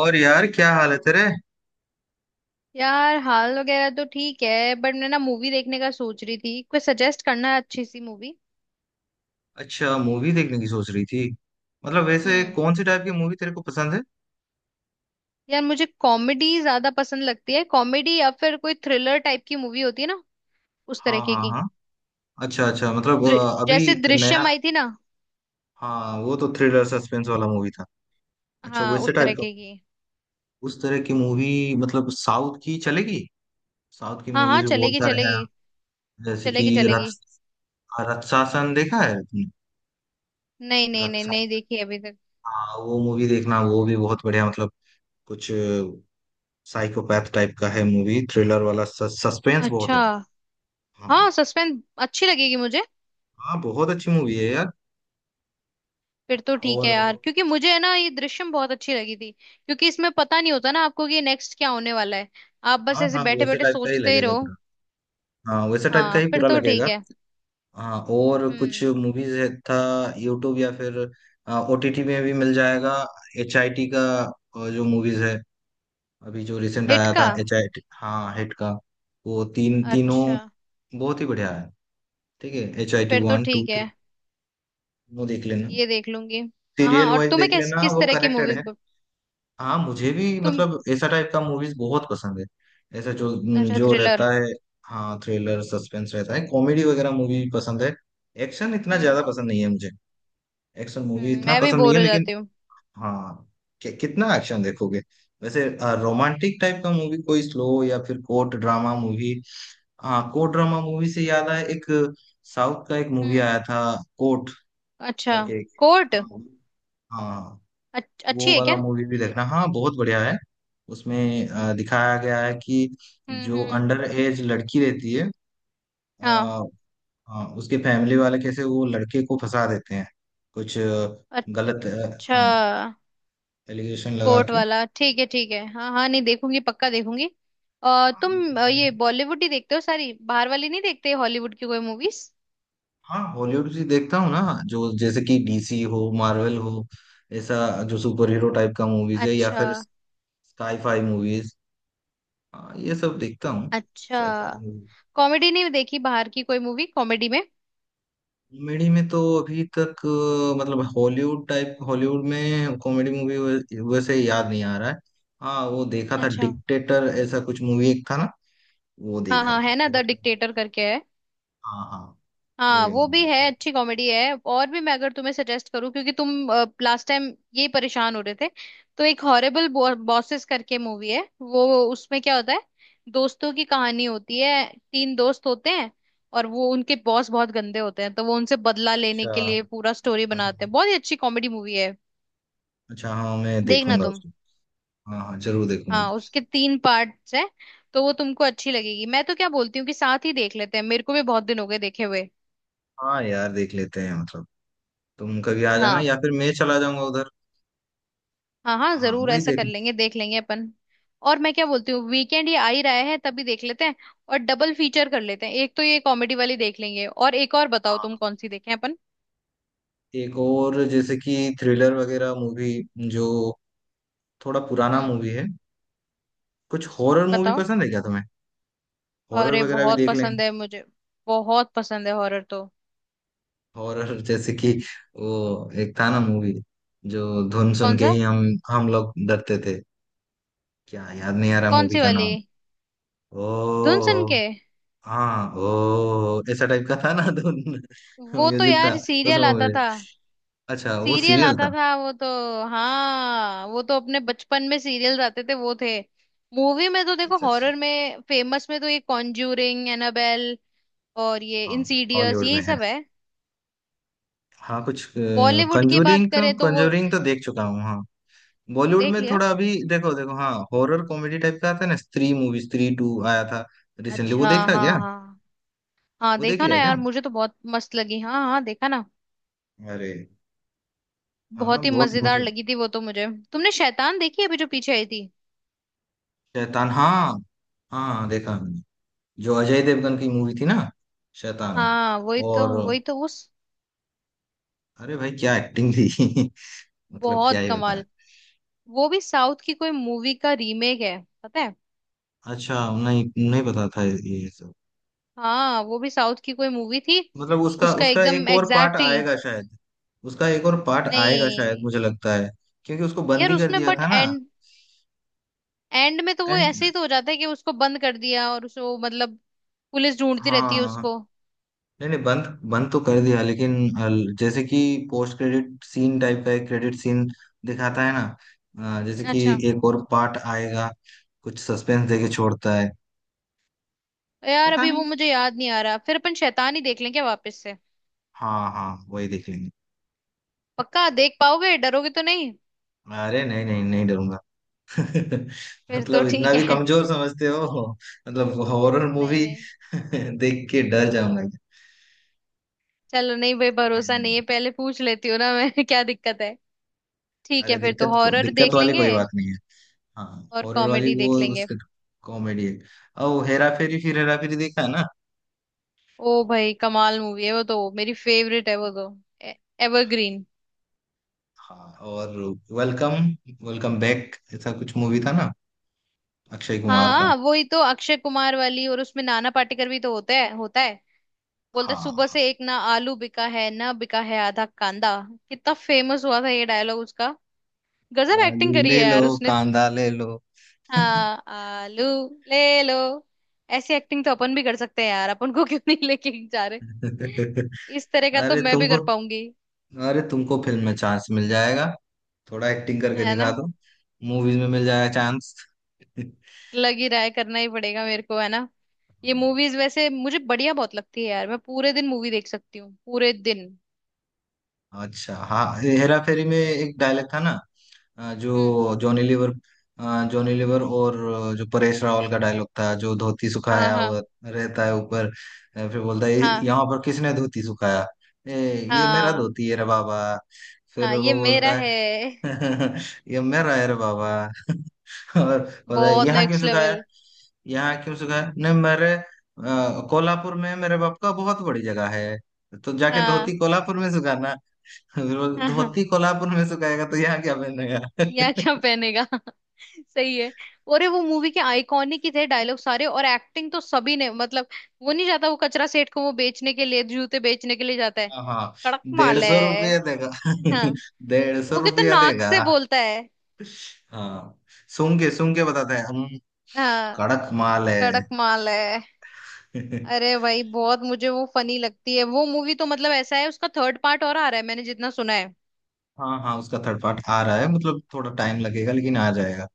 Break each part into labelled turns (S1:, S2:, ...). S1: और यार, क्या हाल है तेरे।
S2: यार हाल वगैरह तो ठीक है, बट मैं ना मूवी देखने का सोच रही थी। कोई सजेस्ट करना अच्छी सी मूवी।
S1: अच्छा, मूवी देखने की सोच रही थी। मतलब वैसे
S2: हम्म।
S1: कौन सी टाइप की मूवी तेरे को पसंद है?
S2: यार मुझे कॉमेडी ज्यादा पसंद लगती है। कॉमेडी या फिर कोई थ्रिलर टाइप की मूवी होती है ना, उस
S1: हाँ
S2: तरीके
S1: हाँ
S2: की।
S1: हाँ। अच्छा अच्छा। मतलब
S2: दृ- जैसे
S1: अभी नया।
S2: दृश्यम आई थी ना।
S1: हाँ, वो तो थ्रिलर सस्पेंस वाला मूवी था। अच्छा,
S2: हाँ,
S1: वैसे
S2: उस
S1: टाइप का।
S2: तरीके की।
S1: उस तरह की मूवी मतलब साउथ की चलेगी? साउथ की
S2: हाँ हाँ,
S1: मूवीज भी बहुत
S2: चलेगी
S1: सारे हैं।
S2: चलेगी।
S1: जैसे कि
S2: चलेगी चलेगी।
S1: रक्स हाँ, रक्षासन देखा है तुमने?
S2: नहीं नहीं नहीं, नहीं
S1: रक्षासन,
S2: देखी अभी तक।
S1: हाँ वो मूवी देखना, वो भी बहुत बढ़िया। मतलब कुछ साइकोपैथ टाइप का है मूवी, थ्रिलर वाला, सस्पेंस बहुत है।
S2: अच्छा।
S1: हाँ हाँ।
S2: हाँ, सस्पेंस अच्छी लगेगी मुझे।
S1: हाँ बहुत अच्छी मूवी है यार।
S2: फिर तो ठीक है
S1: और
S2: यार, क्योंकि मुझे है ना, ये दृश्यम बहुत अच्छी लगी थी क्योंकि इसमें पता नहीं होता ना आपको कि नेक्स्ट क्या होने वाला है। आप बस
S1: हाँ
S2: ऐसे
S1: हाँ,
S2: बैठे
S1: वैसे
S2: बैठे
S1: टाइप का ही
S2: सोचते ही
S1: लगेगा
S2: रहो।
S1: पूरा। हाँ वैसे टाइप का
S2: हाँ,
S1: ही
S2: फिर
S1: पूरा
S2: तो ठीक
S1: लगेगा।
S2: है।
S1: हाँ और कुछ
S2: हम्म।
S1: मूवीज है था। यूट्यूब या फिर ओटीटी में भी मिल जाएगा, HIT का। जो मूवीज है, अभी जो रिसेंट
S2: हिट
S1: आया
S2: का?
S1: था HIT, हाँ हिट का। वो तीन तीनों
S2: अच्छा,
S1: बहुत ही बढ़िया है। ठीक है, एच आई टी
S2: फिर तो
S1: वन टू
S2: ठीक है,
S1: थ्री तीनों देख लेना।
S2: ये देख लूंगी। हाँ हाँ,
S1: सीरियल
S2: और
S1: वाइज
S2: तुम्हें
S1: देख
S2: किस
S1: लेना,
S2: किस
S1: वो
S2: तरह की
S1: कनेक्टेड
S2: मूवी?
S1: है। हाँ मुझे भी
S2: तुम?
S1: मतलब ऐसा टाइप का मूवीज बहुत पसंद है। ऐसा जो,
S2: अच्छा,
S1: जो
S2: थ्रिलर।
S1: रहता है, हाँ थ्रिलर सस्पेंस रहता है, कॉमेडी वगैरह मूवी भी पसंद है। एक्शन इतना
S2: हम्म।
S1: ज्यादा पसंद नहीं है मुझे। एक्शन मूवी
S2: हम्म,
S1: इतना
S2: मैं भी
S1: पसंद नहीं
S2: बोर
S1: है,
S2: हो
S1: लेकिन
S2: जाती हूँ।
S1: हाँ, कितना एक्शन देखोगे। वैसे रोमांटिक टाइप का मूवी, कोई स्लो, या फिर कोर्ट ड्रामा मूवी। हाँ कोर्ट ड्रामा मूवी से याद आया, एक साउथ का एक मूवी
S2: हम्म।
S1: आया था, कोर्ट
S2: अच्छा,
S1: करके।
S2: कोर्ट?
S1: हाँ। हाँ,
S2: अच्छी
S1: वो
S2: है
S1: वाला
S2: क्या?
S1: मूवी भी देखना, हाँ बहुत बढ़िया है। उसमें दिखाया गया है कि
S2: हम्म।
S1: जो
S2: हम्म।
S1: अंडर एज लड़की रहती है, अ,
S2: हाँ।
S1: उसके फैमिली वाले कैसे वो लड़के को फंसा देते हैं, कुछ गलत
S2: अच्छा।
S1: हाँ, एलिगेशन लगा
S2: कोर्ट
S1: के।
S2: वाला ठीक है, ठीक है। हाँ हाँ, नहीं देखूंगी, पक्का देखूंगी। और तुम ये बॉलीवुड ही देखते हो सारी? बाहर वाली नहीं देखते, हॉलीवुड की कोई मूवीज?
S1: हाँ हॉलीवुड भी देखता हूँ ना। जो जैसे कि डीसी हो, मार्वल हो, ऐसा जो सुपर हीरो टाइप का मूवीज है, या
S2: अच्छा।
S1: फिर साई फाई मूवीज, ये सब देखता हूँ।
S2: अच्छा।
S1: Sci fi.
S2: कॉमेडी नहीं देखी बाहर की कोई मूवी, कॉमेडी में?
S1: कॉमेडी में तो अभी तक मतलब हॉलीवुड टाइप, हॉलीवुड में कॉमेडी मूवी वैसे याद नहीं आ रहा है। हाँ वो देखा था
S2: अच्छा।
S1: डिक्टेटर, ऐसा कुछ मूवी एक था ना, वो
S2: हाँ
S1: देखा
S2: हाँ,
S1: था
S2: है ना, द
S1: बहुत पहले।
S2: डिक्टेटर करके है।
S1: हाँ हाँ। वो
S2: हाँ,
S1: याद
S2: वो भी
S1: आ
S2: है,
S1: रहा
S2: अच्छी
S1: है।
S2: कॉमेडी है। और भी, मैं अगर तुम्हें सजेस्ट करूँ क्योंकि तुम लास्ट टाइम ये परेशान हो रहे थे, तो एक हॉरेबल बॉसेस करके मूवी है वो। उसमें क्या होता है, दोस्तों की कहानी होती है। तीन दोस्त होते हैं और वो, उनके बॉस बहुत गंदे होते हैं, तो वो उनसे बदला लेने
S1: अच्छा।
S2: के
S1: हाँ,
S2: लिए पूरा स्टोरी बनाते
S1: हाँ,
S2: हैं। बहुत ही अच्छी कॉमेडी मूवी है,
S1: अच्छा। हाँ मैं
S2: देखना
S1: देखूंगा
S2: तुम।
S1: उसको। हाँ हाँ जरूर देखूंगा।
S2: हाँ, उसके तीन पार्ट्स हैं, तो वो तुमको अच्छी लगेगी। मैं तो क्या बोलती हूँ कि साथ ही देख लेते हैं, मेरे को भी बहुत दिन हो गए देखे हुए।
S1: हाँ यार, देख लेते हैं मतलब। तुम कभी आ जाना
S2: हाँ
S1: या फिर मैं चला जाऊंगा उधर।
S2: हाँ, हाँ
S1: हाँ
S2: जरूर,
S1: वही
S2: ऐसा कर
S1: देख।
S2: लेंगे, देख लेंगे अपन। और मैं क्या बोलती हूँ, वीकेंड ये आ ही रहा है, तभी देख लेते हैं और डबल फीचर कर लेते हैं। एक तो ये कॉमेडी वाली देख लेंगे, और एक और बताओ तुम,
S1: हाँ,
S2: कौन सी देखें अपन?
S1: एक और जैसे कि थ्रिलर वगैरह मूवी जो थोड़ा पुराना
S2: हम्म,
S1: मूवी है। कुछ हॉरर मूवी
S2: बताओ।
S1: पसंद है क्या तुम्हें? हॉरर
S2: अरे
S1: वगैरह भी
S2: बहुत
S1: देख लें।
S2: पसंद है मुझे, बहुत पसंद है हॉरर तो।
S1: हॉरर जैसे कि वो एक था ना मूवी, जो धुन सुन
S2: कौन
S1: के
S2: सा?
S1: ही हम लोग डरते थे, क्या याद नहीं आ रहा
S2: कौन
S1: मूवी
S2: सी
S1: का
S2: वाली?
S1: नाम। ओ,
S2: धुन सन के?
S1: हाँ। ओ, ऐसा टाइप का था ना धुन,
S2: वो तो
S1: म्यूजिक था
S2: यार
S1: उस
S2: सीरियल आता
S1: मूवी।
S2: था।
S1: अच्छा वो
S2: सीरियल
S1: सीरियल
S2: आता
S1: था।
S2: था वो तो। हाँ, वो तो अपने बचपन में सीरियल आते थे, वो थे। मूवी में तो देखो,
S1: अच्छा अच्छा।
S2: हॉरर में फेमस में तो ये कॉन्ज्यूरिंग, एनाबेल और ये
S1: हाँ
S2: इंसीडियस,
S1: हॉलीवुड में
S2: यही
S1: है।
S2: सब है।
S1: हाँ कुछ
S2: बॉलीवुड की बात
S1: कंजूरिंग का,
S2: करें तो वो
S1: कंजूरिंग तो देख चुका हूँ हाँ। बॉलीवुड
S2: देख
S1: में
S2: लिया।
S1: थोड़ा अभी देखो देखो, हाँ हॉरर कॉमेडी टाइप का आता है ना, स्त्री मूवी, स्त्री 2 आया था रिसेंटली,
S2: अच्छा
S1: वो
S2: हाँ
S1: देखा क्या?
S2: हाँ। हाँ,
S1: वो देख
S2: देखा ना
S1: लिया
S2: यार,
S1: क्या?
S2: मुझे तो बहुत मस्त लगी। हाँ हाँ, देखा ना।
S1: अरे। हाँ
S2: बहुत ही
S1: बहुत,
S2: मजेदार
S1: मतलब
S2: लगी थी वो तो मुझे। तुमने शैतान देखी अभी, जो पीछे आई थी?
S1: शैतान, हाँ। हाँ हाँ, देखा मैंने, जो अजय देवगन की मूवी थी ना, शैतान।
S2: हाँ वही तो,
S1: और
S2: वही तो उस...
S1: अरे भाई, क्या एक्टिंग थी। मतलब क्या
S2: बहुत
S1: ही बताया।
S2: कमाल। वो भी साउथ की कोई मूवी का रीमेक है, पता है?
S1: अच्छा, नहीं, नहीं पता था ये सब।
S2: हाँ, वो भी साउथ की कोई मूवी थी।
S1: मतलब उसका
S2: उसका
S1: उसका
S2: एकदम
S1: एक और पार्ट
S2: एग्जैक्ट ही।
S1: आएगा शायद। उसका एक और पार्ट आएगा शायद,
S2: नहीं
S1: मुझे लगता है, क्योंकि उसको
S2: यार,
S1: बंदी कर
S2: उसमें
S1: दिया
S2: बट
S1: था ना।
S2: एंड, एंड में तो वो
S1: एंड,
S2: ऐसे ही तो हो जाता है कि उसको बंद कर दिया, और उसको मतलब पुलिस ढूंढती रहती है
S1: हाँ
S2: उसको।
S1: नहीं नहीं बंद, बंद तो कर दिया लेकिन जैसे कि पोस्ट क्रेडिट सीन टाइप का एक क्रेडिट सीन दिखाता है ना, जैसे कि
S2: अच्छा।
S1: एक और पार्ट आएगा, कुछ सस्पेंस देके छोड़ता है।
S2: यार
S1: पता
S2: अभी वो
S1: नहीं।
S2: मुझे याद नहीं आ रहा, फिर अपन शैतान ही देख लें क्या वापस से?
S1: हाँ हाँ वही देख लेंगे।
S2: पक्का देख पाओगे, डरोगे तो नहीं?
S1: अरे नहीं नहीं नहीं, डरूंगा
S2: फिर तो
S1: मतलब इतना
S2: ठीक
S1: भी
S2: है।
S1: कमजोर समझते हो, मतलब हॉरर
S2: नहीं
S1: मूवी
S2: नहीं।
S1: देख के डर जाऊंगा।
S2: चलो, नहीं भाई,
S1: नहीं
S2: भरोसा
S1: नहीं
S2: नहीं है,
S1: नहीं।
S2: पहले पूछ लेती हूँ ना मैं क्या दिक्कत है। ठीक है,
S1: अरे
S2: फिर तो
S1: दिक्कत को,
S2: हॉरर
S1: दिक्कत
S2: देख
S1: वाली
S2: लेंगे
S1: कोई बात नहीं है। हाँ
S2: और
S1: हॉरर वाली
S2: कॉमेडी
S1: वो
S2: देख लेंगे।
S1: उसका कॉमेडी है, ओ हेरा फेरी, फिर हेरा फेरी देखा है ना।
S2: ओ भाई, कमाल मूवी है वो तो, मेरी फेवरेट है वो तो, एवरग्रीन।
S1: हाँ, और वेलकम, वेलकम बैक, ऐसा कुछ मूवी था ना, अक्षय कुमार का।
S2: हाँ वही तो, अक्षय कुमार वाली, और उसमें नाना पाटेकर भी तो होता है, होता है। बोलता है,
S1: हाँ
S2: सुबह
S1: हाँ।
S2: से एक ना आलू बिका है, ना बिका है आधा कांदा। कितना फेमस हुआ था ये डायलॉग उसका, गजब
S1: आलू
S2: एक्टिंग करी
S1: ले
S2: है
S1: लो,
S2: यार उसने।
S1: कांदा ले लो।
S2: हाँ, आलू ले लो। ऐसी एक्टिंग तो अपन भी कर सकते हैं यार, अपन को क्यों नहीं लेके जा रहे? इस तरह का तो
S1: अरे
S2: मैं भी
S1: तुमको,
S2: कर पाऊंगी।
S1: अरे तुमको फिल्म में चांस मिल जाएगा, थोड़ा एक्टिंग करके
S2: है
S1: दिखा
S2: ना?
S1: दो, मूवीज में मिल जाएगा चांस।
S2: लग ही रहा है करना ही पड़ेगा मेरे को, है ना। ये मूवीज वैसे मुझे बढ़िया बहुत लगती है यार, मैं पूरे दिन मूवी देख सकती हूँ, पूरे दिन।
S1: अच्छा, हाँ हेरा फेरी में एक डायलॉग था ना, अ,
S2: हम्म।
S1: जो जॉनी लीवर अ, जॉनी लीवर और जो परेश रावल का डायलॉग था, जो धोती
S2: हाँ।
S1: सुखाया
S2: हाँ।
S1: हुआ रहता है ऊपर, फिर बोलता है,
S2: हाँ।
S1: यहाँ पर किसने धोती सुखाया, ए, ये मेरा
S2: हाँ।
S1: धोती है रे बाबा"। फिर
S2: हाँ, ये
S1: वो
S2: मेरा
S1: बोलता
S2: है।
S1: है "ये मेरा है रे बाबा"। और बोलता है,
S2: बहुत
S1: यहाँ क्यों
S2: नेक्स्ट
S1: सुखाया,
S2: लेवल।
S1: यहाँ क्यों सुखाया? नहीं, मेरे कोल्हापुर में मेरे बाप का बहुत बड़ी जगह है, तो जाके
S2: हाँ।
S1: धोती कोल्हापुर में सुखाना। फिर
S2: हाँ हाँ,
S1: धोती कोल्हापुर में सुखाएगा तो यहाँ क्या
S2: या
S1: पहनेगा?
S2: क्या पहनेगा सही है। अरे वो मूवी के आइकॉनिक ही थे डायलॉग सारे, और एक्टिंग तो सभी ने, मतलब। वो नहीं जाता, वो कचरा सेठ को वो बेचने के लिए, जूते बेचने के लिए जाता है।
S1: हाँ हाँ।
S2: कड़क
S1: डेढ़
S2: माल
S1: सौ
S2: है।
S1: रुपया देगा।
S2: हाँ,
S1: 150
S2: वो कितना
S1: रुपया
S2: नाक
S1: देगा।
S2: से बोलता है।
S1: हाँ सुन के बताते हैं हम,
S2: हाँ।
S1: कड़क माल है।
S2: कड़क माल है। अरे भाई, बहुत मुझे वो फनी लगती है वो मूवी तो, मतलब ऐसा है। उसका थर्ड पार्ट और आ रहा है, मैंने जितना सुना है।
S1: हाँ हाँ उसका थर्ड पार्ट आ रहा है, मतलब थोड़ा टाइम लगेगा लेकिन आ जाएगा,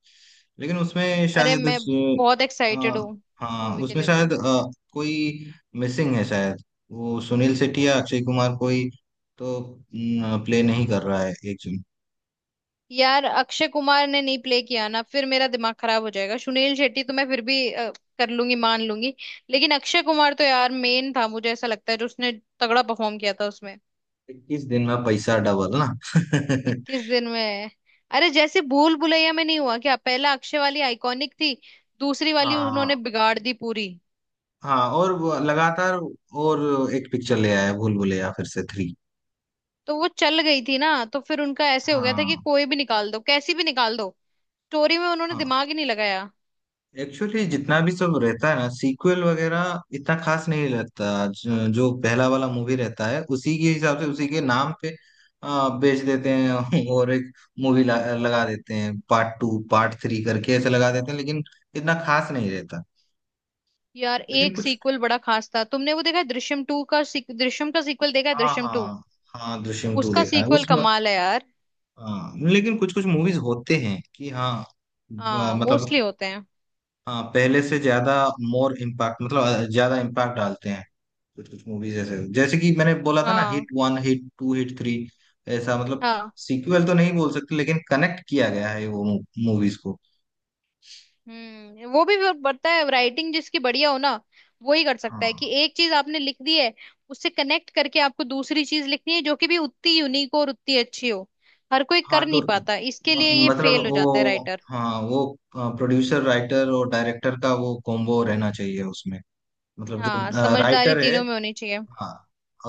S1: लेकिन उसमें
S2: अरे
S1: शायद
S2: मैं बहुत
S1: हाँ,
S2: एक्साइटेड हूँ उस
S1: हाँ
S2: मूवी के
S1: उसमें
S2: लिए तो।
S1: शायद कोई मिसिंग है शायद। वो सुनील शेट्टी या अक्षय कुमार कोई तो प्ले नहीं कर रहा है एक जन।
S2: यार अक्षय कुमार ने नहीं प्ले किया ना फिर, मेरा दिमाग खराब हो जाएगा। सुनील शेट्टी तो मैं फिर भी कर लूंगी, मान लूंगी, लेकिन अक्षय कुमार तो यार मेन था। मुझे ऐसा लगता है जो उसने तगड़ा परफॉर्म किया था उसमें।
S1: 21 दिन में पैसा डबल ना।
S2: 21 दिन में। अरे जैसे भूल भुलैया में नहीं हुआ क्या, पहला अक्षय वाली आइकॉनिक थी, दूसरी वाली उन्होंने
S1: हाँ
S2: बिगाड़ दी पूरी।
S1: हाँ। और वो लगातार और एक पिक्चर ले आया, भूल भुलैया फिर से 3।
S2: तो वो चल गई थी ना, तो फिर उनका ऐसे हो गया था कि
S1: हाँ
S2: कोई भी निकाल दो, कैसी भी निकाल दो। स्टोरी में उन्होंने
S1: हाँ।
S2: दिमाग ही नहीं लगाया।
S1: एक्चुअली जितना भी सब रहता है ना, सीक्वल वगैरह इतना खास नहीं लगता, जो पहला वाला मूवी रहता है उसी के हिसाब से, उसी के नाम पे बेच देते हैं। और एक मूवी लगा देते हैं, पार्ट 2 पार्ट 3 करके ऐसे लगा देते हैं, लेकिन इतना खास नहीं रहता।
S2: यार
S1: लेकिन
S2: एक
S1: कुछ,
S2: सीक्वल बड़ा खास था, तुमने वो देखा है, दृश्यम टू का दृश्यम का सीक्वल देखा है,
S1: हाँ
S2: दृश्यम टू?
S1: हाँ हाँ, दृश्यम 2
S2: उसका
S1: देखा है
S2: सीक्वल
S1: उसमें।
S2: कमाल है यार।
S1: हाँ लेकिन कुछ कुछ मूवीज होते हैं कि हाँ,
S2: हाँ,
S1: मतलब
S2: मोस्टली होते हैं।
S1: हाँ, पहले से ज्यादा मोर इम्पैक्ट, मतलब ज्यादा इम्पैक्ट डालते हैं कुछ कुछ मूवीज ऐसे, जैसे कि मैंने बोला था ना,
S2: हाँ।
S1: हिट 1 हिट 2 हिट 3, ऐसा। मतलब
S2: हाँ।
S1: सीक्वल तो नहीं बोल सकते, लेकिन कनेक्ट किया गया है वो मूवीज को।
S2: हम्म, वो भी, वो पता है, राइटिंग जिसकी बढ़िया हो ना, वो ही कर सकता है कि
S1: हाँ
S2: एक चीज आपने लिख दी है, उससे कनेक्ट करके आपको दूसरी चीज लिखनी है, जो कि भी उतनी यूनिक और उतनी अच्छी हो। हर कोई कर
S1: हाँ, तो
S2: नहीं पाता, इसके लिए ये
S1: मतलब
S2: फेल हो
S1: वो,
S2: जाता है राइटर।
S1: हाँ वो प्रोड्यूसर राइटर और डायरेक्टर का वो कॉम्बो रहना चाहिए उसमें, मतलब जो
S2: हाँ, समझदारी
S1: राइटर है,
S2: तीनों में होनी चाहिए।
S1: हाँ,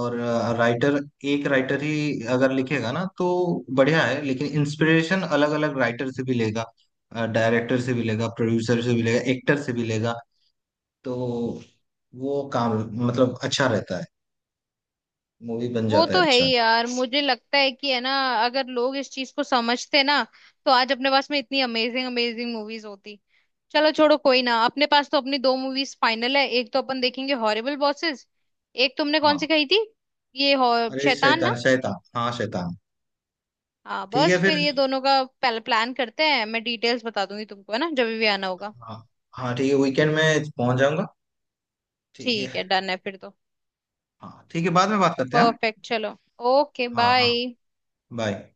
S1: और राइटर, एक राइटर ही अगर लिखेगा ना तो बढ़िया है, लेकिन इंस्पिरेशन अलग अलग राइटर से भी लेगा, डायरेक्टर से भी लेगा, प्रोड्यूसर से भी लेगा, एक्टर से भी लेगा, तो वो काम मतलब अच्छा रहता है, मूवी बन
S2: वो
S1: जाता है
S2: तो है
S1: अच्छा।
S2: ही यार, मुझे लगता है कि, है ना, अगर लोग इस चीज को समझते ना, तो आज अपने पास में इतनी अमेजिंग अमेजिंग मूवीज होती। चलो छोड़ो, कोई ना, अपने पास तो अपनी दो मूवीज फाइनल है। एक तो अपन देखेंगे हॉरिबल बॉसेस, एक तुमने कौन
S1: हाँ।
S2: सी कही थी, ये
S1: अरे
S2: शैतान ना।
S1: शैतान, शैतान, हाँ शैतान।
S2: हाँ,
S1: ठीक है
S2: बस
S1: फिर।
S2: फिर ये दोनों का पहले प्लान करते हैं। मैं डिटेल्स बता दूंगी तुमको, है ना, जब भी आना होगा।
S1: हाँ हाँ ठीक है, वीकेंड में पहुंच जाऊंगा, ठीक
S2: ठीक
S1: है।
S2: है, डन है फिर तो।
S1: हाँ ठीक है, बाद में बात करते हैं।
S2: परफेक्ट, चलो। ओके,
S1: हाँ हाँ हाँ,
S2: बाय।
S1: बाय।